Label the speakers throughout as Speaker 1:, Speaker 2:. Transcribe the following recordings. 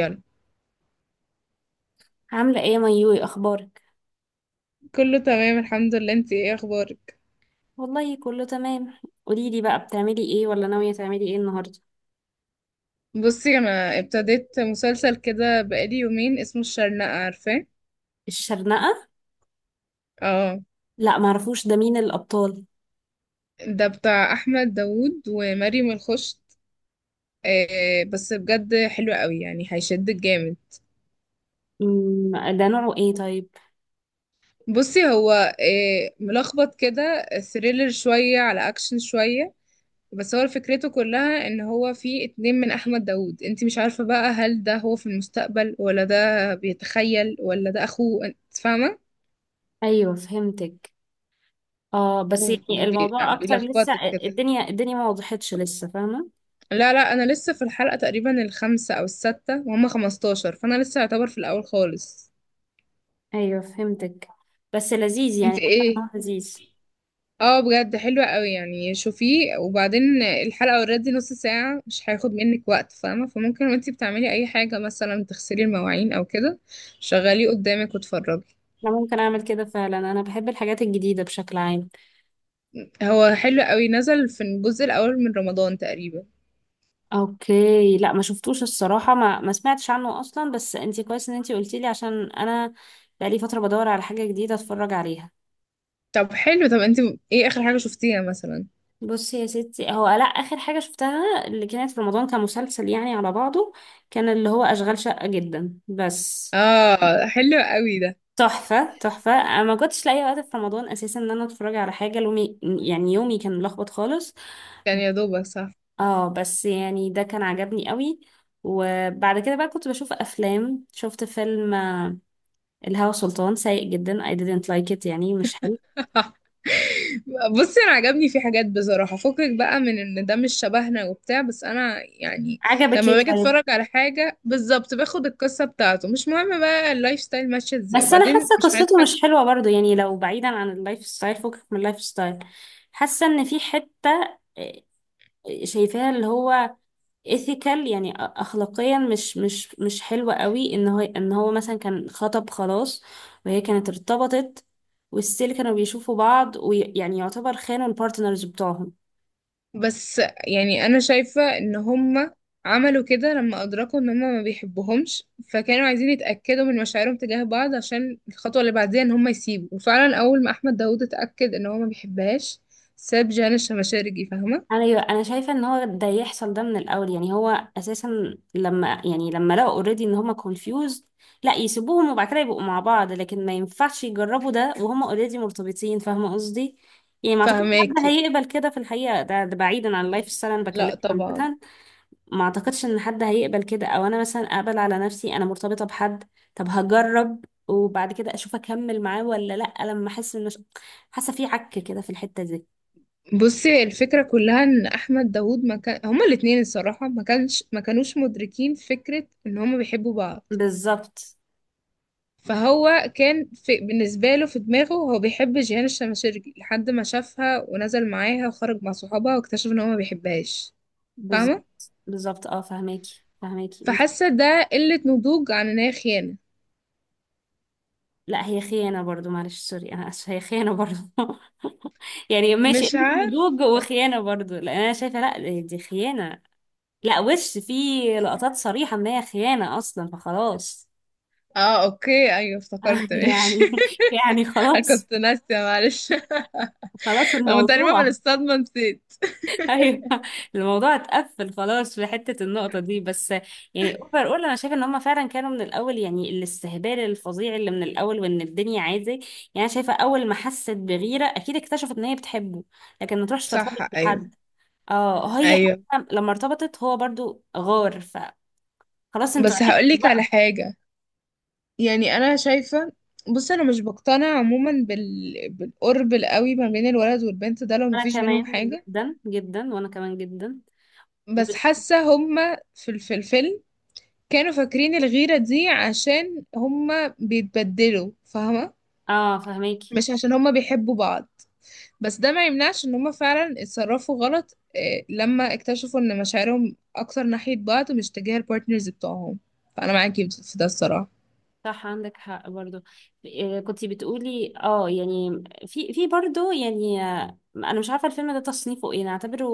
Speaker 1: يلا.
Speaker 2: عاملة ايه يا ميوي؟ اخبارك؟
Speaker 1: كله تمام، الحمد لله. انتي ايه اخبارك؟
Speaker 2: والله كله تمام. قوليلي بقى، بتعملي ايه ولا ناوية تعملي ايه النهاردة؟
Speaker 1: بصي انا ابتديت مسلسل كده بقالي يومين، اسمه الشرنقة، عارفاه؟
Speaker 2: الشرنقة؟
Speaker 1: اه،
Speaker 2: لا معرفوش، ده مين الابطال؟
Speaker 1: ده بتاع احمد داوود ومريم الخشت. آه بس بجد حلو قوي، يعني هيشدك جامد.
Speaker 2: ده نوعه ايه طيب؟
Speaker 1: بصي هو ملخبط كده، ثريلر شوية على اكشن شوية. بس هو فكرته كلها ان هو في اتنين من احمد داوود، انتي مش عارفة بقى هل ده هو في المستقبل ولا ده بيتخيل ولا ده اخوه، انت فاهمة؟
Speaker 2: ايوه فهمتك. اه بس يعني الموضوع اكتر لسه.
Speaker 1: وبيلخبطك كده.
Speaker 2: الدنيا ما وضحتش لسه، فاهمة؟
Speaker 1: لا لا، انا لسه في الحلقة تقريبا الخامسة او السادسة، وهم 15، فانا لسه يعتبر في الاول خالص.
Speaker 2: ايوه فهمتك. بس لذيذ،
Speaker 1: انت
Speaker 2: يعني حاسة إن
Speaker 1: ايه؟
Speaker 2: هو لذيذ.
Speaker 1: اه، بجد حلوة قوي، يعني شوفيه. وبعدين الحلقة اوريدي نص ساعة، مش هياخد منك وقت، فاهمة؟ فممكن وانتي بتعملي اي حاجة، مثلا تغسلي المواعين او كده، شغليه قدامك واتفرجي.
Speaker 2: انا ممكن اعمل كده فعلا، انا بحب الحاجات الجديدة بشكل عام.
Speaker 1: هو حلو قوي، نزل في الجزء الاول من رمضان تقريبا.
Speaker 2: اوكي، لا ما شفتوش الصراحة، ما سمعتش عنه اصلا، بس انتي كويس ان انتي قلتيلي، عشان انا بقالي فترة بدور على حاجة جديدة اتفرج عليها.
Speaker 1: طب حلو. طب انت ايه اخر حاجة شفتيها مثلا؟
Speaker 2: بصي يا ستي، هو لا، اخر حاجة شفتها اللي كانت في رمضان كمسلسل يعني على بعضه، كان اللي هو اشغال شقة، جدا بس
Speaker 1: اه، حلو قوي ده،
Speaker 2: تحفة تحفة. انا ما كنتش لاقي وقت في رمضان اساسا ان انا اتفرج على حاجة، لومي يعني يومي كان ملخبط خالص.
Speaker 1: كان يا دوبك صح.
Speaker 2: اه بس يعني ده كان عجبني قوي. وبعد كده بقى كنت بشوف افلام، شفت فيلم الهوى سلطان، سيء جدا، I didn't like it، يعني مش حلو.
Speaker 1: بصي انا عجبني في حاجات بصراحه، فكك بقى من ان ده مش شبهنا وبتاع، بس انا يعني
Speaker 2: عجبك ايه
Speaker 1: لما باجي
Speaker 2: طيب؟
Speaker 1: اتفرج على حاجه بالظبط باخد القصه بتاعته، مش مهم بقى اللايف ستايل ماشيه ازاي،
Speaker 2: بس انا
Speaker 1: وبعدين
Speaker 2: حاسه
Speaker 1: مش
Speaker 2: قصته
Speaker 1: هنضحك.
Speaker 2: مش حلوه برضو، يعني لو بعيدا عن اللايف ستايل، فكك من اللايف ستايل، حاسه ان في حته، آه، شايفاها اللي هو ethical، يعني اخلاقيا مش حلوه قوي، ان هو ان هو مثلا كان خطب خلاص، وهي كانت ارتبطت، والستيل كانوا بيشوفوا بعض، ويعني يعتبر خانوا البارتنرز بتوعهم.
Speaker 1: بس يعني انا شايفه ان هما عملوا كده لما ادركوا ان هما ما بيحبوهمش، فكانوا عايزين يتاكدوا من مشاعرهم تجاه بعض عشان الخطوه اللي بعديها ان هما يسيبوا. وفعلا اول ما احمد داوود اتاكد ان هو ما بيحبهاش ساب جانا الشمشارجي، فاهمه؟
Speaker 2: انا شايفه ان هو ده يحصل ده من الاول، يعني هو اساسا لما يعني لما لقوا اوريدي ان هما confused، لا يسيبوهم وبعد كده يبقوا مع بعض، لكن ما ينفعش يجربوا ده وهما اوريدي مرتبطين، فاهمه قصدي؟ يعني ما اعتقدش حد
Speaker 1: فاهماكي.
Speaker 2: هيقبل كده في الحقيقه، ده بعيدا عن اللايف ستايل انا
Speaker 1: لا
Speaker 2: بكلمك
Speaker 1: طبعا.
Speaker 2: عامه. ما اعتقدش ان حد هيقبل كده، او انا مثلا اقبل على نفسي انا مرتبطه بحد، طب هجرب وبعد كده اشوف اكمل معاه ولا لا، لما احس ان حاسه في عك كده في الحته دي.
Speaker 1: بصي هي الفكرة كلها ان احمد داوود، ما كان هما الاتنين الصراحة ما كانوش مدركين فكرة ان هما بيحبوا بعض.
Speaker 2: بالظبط.
Speaker 1: بالنسبة له في دماغه هو بيحب جيهان الشماشرجي لحد ما شافها ونزل معاها وخرج مع صحابها، واكتشف ان هو ما بيحبهاش، فاهمة؟
Speaker 2: بالظبط. بالظبط اه، فهماكي فهماكي انت.
Speaker 1: فحاسة ده قلة نضوج عن ان هي خيانة.
Speaker 2: لا هي خيانة برضو، معلش سوري انا اسفة، هي خيانة برضو. يعني ماشي
Speaker 1: مش
Speaker 2: قلة
Speaker 1: عارف.
Speaker 2: نضوج وخيانة برضو، لان انا شايفة لا دي خيانة. لا وش في لقطات صريحة ان هي خيانة اصلا، فخلاص.
Speaker 1: اه اوكي، ايوه افتكرت ماشي.
Speaker 2: يعني. يعني
Speaker 1: انا
Speaker 2: خلاص.
Speaker 1: كنت ناسية، معلش.
Speaker 2: خلاص
Speaker 1: انا تقريبا من
Speaker 2: الموضوع.
Speaker 1: الصدمة نسيت.
Speaker 2: ايوه. الموضوع اتقفل خلاص في حته النقطه دي بس. يعني اوفر اول، انا شايفه ان هم فعلا كانوا من الاول، يعني الاستهبال الفظيع اللي من الاول وان الدنيا عادي يعني. أنا شايفه اول ما حست بغيره اكيد اكتشفت ان هي بتحبه، لكن ما تروحش
Speaker 1: صح،
Speaker 2: ترتبط
Speaker 1: ايوه،
Speaker 2: بحد. اه هي.
Speaker 1: ايوه.
Speaker 2: حتى لما ارتبطت هو برضو غار، فخلاص انتوا
Speaker 1: بس
Speaker 2: عرفتوا
Speaker 1: هقولك على
Speaker 2: بقى.
Speaker 1: حاجة، يعني انا شايفه، بص انا مش بقتنع عموما بالقرب القوي ما بين الولد والبنت ده لو
Speaker 2: انا
Speaker 1: مفيش بينهم
Speaker 2: كمان،
Speaker 1: حاجه.
Speaker 2: جدا جدا وانا كمان جدا،
Speaker 1: بس
Speaker 2: مش.
Speaker 1: حاسه هما في الفيلم كانوا فاكرين الغيره دي عشان هما بيتبدلوا، فاهمه؟
Speaker 2: اه فهميك.
Speaker 1: مش عشان هما بيحبوا بعض. بس ده ما يمنعش ان هما فعلا اتصرفوا غلط، لما اكتشفوا ان مشاعرهم اكتر ناحيه بعض مش تجاه البارتنرز بتوعهم. فانا معاكي في ده الصراحه.
Speaker 2: صح عندك حق برضو. كنتي بتقولي اه، يعني في برضو يعني، انا مش عارفه الفيلم ده تصنيفه ايه نعتبره؟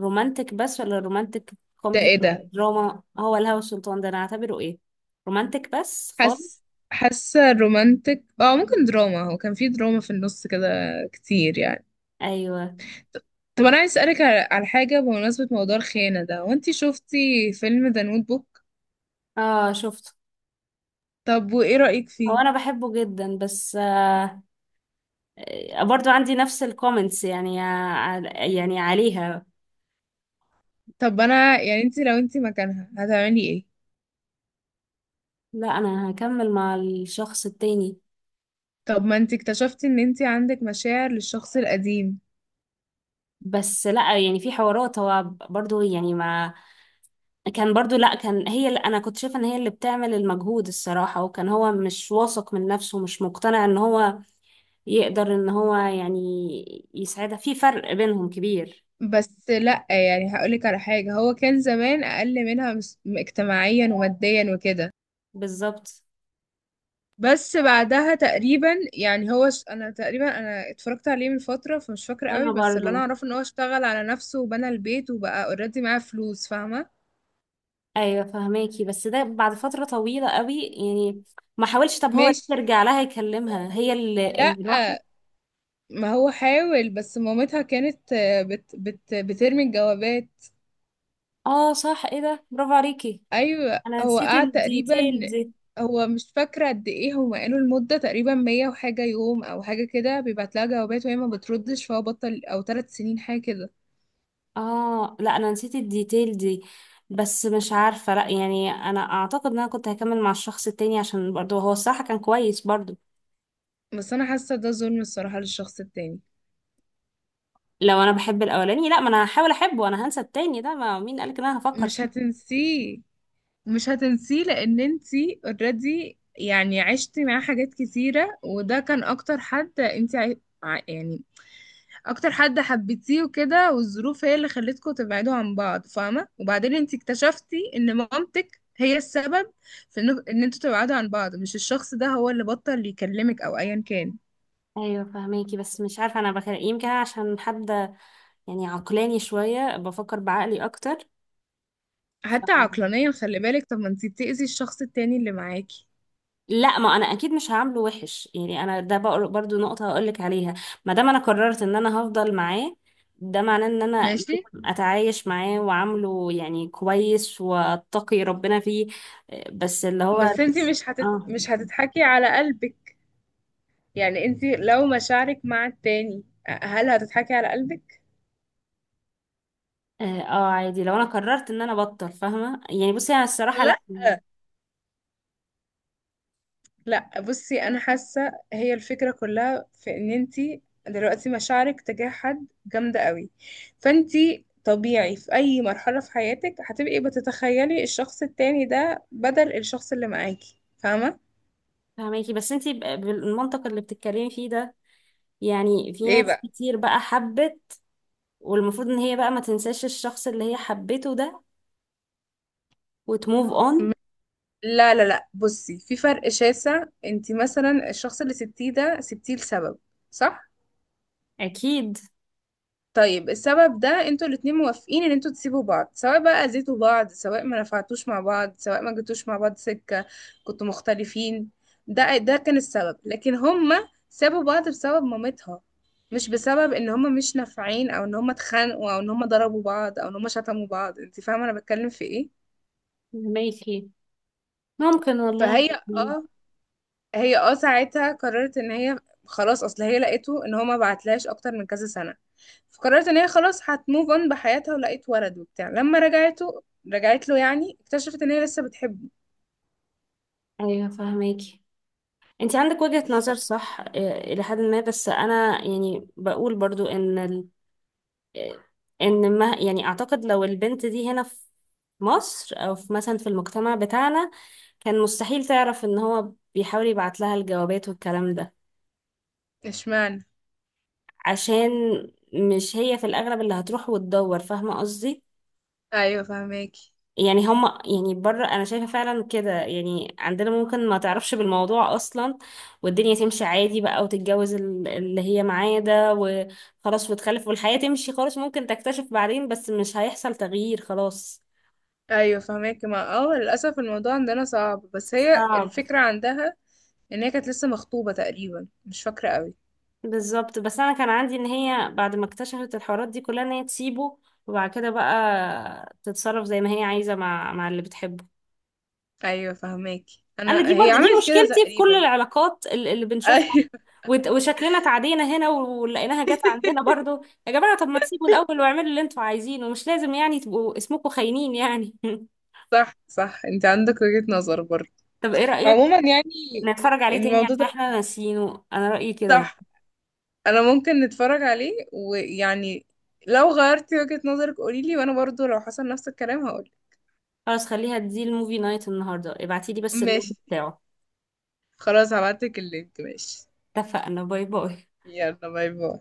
Speaker 2: رومانتك بس ولا رومانتك
Speaker 1: ده
Speaker 2: كوميدي
Speaker 1: ايه
Speaker 2: ولا
Speaker 1: ده؟
Speaker 2: دراما؟ هو الهوى السلطان ده انا اعتبره ايه؟ رومانتك بس خالص.
Speaker 1: حاسه حاسه رومانتك، اه ممكن دراما، هو كان في دراما في النص كده كتير يعني.
Speaker 2: ايوه.
Speaker 1: طب انا عايز اسالك على حاجه بمناسبه موضوع الخيانه ده، وانتي شفتي فيلم ذا نوت بوك.
Speaker 2: اه شفته.
Speaker 1: طب وايه رايك
Speaker 2: هو
Speaker 1: فيه؟
Speaker 2: انا بحبه جدا، بس. برضو عندي نفس الكومنتس يعني، يعني عليها.
Speaker 1: طب انا يعني، انتي لو انتي مكانها هتعملي ايه؟
Speaker 2: لا انا هكمل مع الشخص التاني.
Speaker 1: طب ما انتي اكتشفتي ان انتي عندك مشاعر للشخص القديم.
Speaker 2: بس لا يعني في حوارات هو برضو يعني ما كان برضو، لا كان هي اللي، انا كنت شايفه ان هي اللي بتعمل المجهود الصراحه، وكان هو مش واثق من نفسه، مش مقتنع ان هو يقدر ان هو يعني يساعدها، في فرق بينهم كبير.
Speaker 1: بس لا يعني هقولك على حاجه، هو كان زمان اقل منها، اجتماعيا وماديا وكده.
Speaker 2: بالظبط.
Speaker 1: بس بعدها تقريبا، يعني انا اتفرجت عليه من فترة، فمش فاكرة قوي،
Speaker 2: وانا
Speaker 1: بس اللي انا
Speaker 2: برضو.
Speaker 1: اعرفه ان هو اشتغل على نفسه وبنى البيت وبقى اوريدي معاه فلوس، فاهمة؟
Speaker 2: ايوه فهماكي، بس ده بعد فتره طويله قوي يعني، ما حاولش طب هو
Speaker 1: ماشي.
Speaker 2: يرجع لها يكلمها، هي اللي
Speaker 1: لا
Speaker 2: اللي راحت.
Speaker 1: ما هو حاول، بس مامتها كانت بترمي الجوابات.
Speaker 2: اه صح، ايه ده، برافو عليكي.
Speaker 1: ايوه
Speaker 2: انا
Speaker 1: هو
Speaker 2: نسيت
Speaker 1: قعد تقريبا.
Speaker 2: الديتيل دي.
Speaker 1: هو مش فاكرة قد ايه، هم قالوا المدة تقريبا 100 وحاجة يوم او حاجة كده، بيبعت لها جوابات وهي ما بتردش، فهو بطل، او 3 سنين حاجة كده.
Speaker 2: اه لا انا نسيت الديتيل دي. بس مش عارفة، لا يعني انا اعتقد ان انا كنت هكمل مع الشخص التاني، عشان برضه هو الصراحة كان كويس برضه.
Speaker 1: بس انا حاسة ده ظلم الصراحة للشخص التاني.
Speaker 2: لو انا بحب الاولاني لا، ما انا هحاول احبه، انا هنسى التاني ده، ما مين قالك ان انا هفكر
Speaker 1: مش
Speaker 2: فيه.
Speaker 1: هتنسيه، مش هتنسيه لان انتي اوريدي يعني عشتي معاه حاجات كتيرة، وده كان اكتر حد انتي يعني اكتر حد حبيتيه وكده، والظروف هي اللي خلتكم تبعدوا عن بعض، فاهمة؟ وبعدين انتي اكتشفتي ان مامتك هي السبب في إن انتوا تبعدوا عن بعض، مش الشخص ده هو اللي بطل يكلمك او ايا كان.
Speaker 2: ايوه فهماكي، بس مش عارفة انا بخير، يمكن أنا عشان حد يعني عقلاني شوية، بفكر بعقلي
Speaker 1: حتى
Speaker 2: اكتر.
Speaker 1: عقلانيا خلي بالك، طب ما انتي بتأذي الشخص التاني اللي معاكي.
Speaker 2: لا ما انا اكيد مش هعامله وحش يعني، انا ده برضو نقطة هقولك عليها، ما دام انا قررت ان انا هفضل معاه ده معناه ان انا
Speaker 1: ماشي.
Speaker 2: لازم اتعايش معاه واعامله يعني كويس واتقي ربنا فيه. بس اللي هو اه.
Speaker 1: بس انتي مش هتضحكي على قلبك. يعني انت لو مشاعرك مع التاني هل هتضحكي على قلبك؟
Speaker 2: اه عادي لو انا قررت ان انا بطل، فاهمة يعني؟ بصي انا الصراحة لا.
Speaker 1: لا لا، بصي انا حاسة هي الفكرة كلها في ان انت دلوقتي مشاعرك تجاه حد جامدة قوي، فانت طبيعي في اي مرحلة في حياتك هتبقي بتتخيلي الشخص التاني ده بدل الشخص اللي معاكي، فاهمة؟
Speaker 2: فاهماكي، بس انتي بالمنطق اللي بتتكلمي فيه ده، يعني في
Speaker 1: ايه
Speaker 2: ناس
Speaker 1: بقى؟
Speaker 2: كتير بقى حبت، والمفروض ان هي بقى ما تنساش الشخص اللي هي حبته ده وتموف
Speaker 1: م-
Speaker 2: اون.
Speaker 1: لا لا لا، بصي في فرق شاسع. انت مثلا الشخص اللي سبتيه ده سبتيه لسبب، صح؟
Speaker 2: اكيد.
Speaker 1: طيب السبب ده انتوا الاتنين موافقين ان انتوا تسيبوا بعض، سواء بقى اذيتوا بعض، سواء ما نفعتوش مع بعض، سواء ما جيتوش مع بعض سكة، كنتوا مختلفين، ده كان السبب. لكن هما سابوا بعض بسبب مامتها، مش بسبب ان هما مش نافعين او ان هما اتخانقوا او ان هما ضربوا بعض او ان هما شتموا بعض، انت فاهمة انا بتكلم في ايه؟
Speaker 2: فهماكي. ممكن والله.
Speaker 1: فهي
Speaker 2: يعني.
Speaker 1: اه هي اه ساعتها قررت ان هي خلاص، اصل هي لقيته ان هو ما بعتلهاش اكتر من كذا سنة، فقررت ان هي خلاص هتموف اون بحياتها، ولقيت ولد وبتاع. لما رجعت له يعني اكتشفت ان هي لسه بتحبه.
Speaker 2: ايوه فهماكي، انت عندك وجهة
Speaker 1: ف-
Speaker 2: نظر صح، الى حد ما، بس انا يعني بقول برضو ان ال... آه، ان ما يعني اعتقد لو البنت دي هنا في مصر، او في مثلا في المجتمع بتاعنا، كان مستحيل تعرف ان هو بيحاول يبعت لها الجوابات والكلام ده،
Speaker 1: اشمعنى؟
Speaker 2: عشان مش هي في الاغلب اللي هتروح وتدور، فاهمة قصدي؟
Speaker 1: ايوه فهماكي،
Speaker 2: يعني هم يعني بره انا شايفه فعلا كده، يعني عندنا ممكن ما تعرفش بالموضوع اصلا، والدنيا تمشي عادي بقى، وتتجوز اللي هي معاه ده وخلاص، وتخلف والحياه تمشي خالص، ممكن تكتشف بعدين بس مش هيحصل تغيير خلاص.
Speaker 1: ايوه فهماكي. ما للاسف الموضوع عندنا صعب. بس هي
Speaker 2: صعب.
Speaker 1: الفكره عندها ان هي كانت لسه مخطوبه تقريبا، مش فاكره قوي.
Speaker 2: بالظبط، بس انا كان عندي ان هي بعد ما اكتشفت الحوارات دي كلها ان هي تسيبه، وبعد كده بقى تتصرف زي ما هي عايزه مع مع اللي بتحبه.
Speaker 1: ايوه فهماكي،
Speaker 2: انا دي
Speaker 1: انا هي
Speaker 2: برضه دي
Speaker 1: عملت كده
Speaker 2: مشكلتي في كل
Speaker 1: تقريبا.
Speaker 2: العلاقات اللي بنشوفها.
Speaker 1: ايوه.
Speaker 2: وشكلنا اتعدينا هنا ولقيناها جت عندنا برضه. يا جماعه طب ما تسيبوا الاول واعملوا اللي انتوا عايزينه، مش لازم يعني تبقوا اسمكم خاينين يعني.
Speaker 1: صح، صح، انت عندك وجهة نظر برضه.
Speaker 2: طب ايه رايك
Speaker 1: عموما يعني
Speaker 2: نتفرج عليه تاني
Speaker 1: الموضوع
Speaker 2: عشان
Speaker 1: ده،
Speaker 2: احنا ناسيينه؟ انا رايي كده يعني.
Speaker 1: صح، انا ممكن نتفرج عليه. ويعني لو غيرتي وجهة نظرك قوليلي، وانا برضو لو حصل نفس الكلام هقولك.
Speaker 2: خلاص خليها دي الموفي نايت النهارده، ابعتيلي بس اللينك
Speaker 1: ماشي.
Speaker 2: بتاعه.
Speaker 1: خلاص هبعتلك اللينك، ماشي.
Speaker 2: اتفقنا، باي باي.
Speaker 1: يلا، باي باي.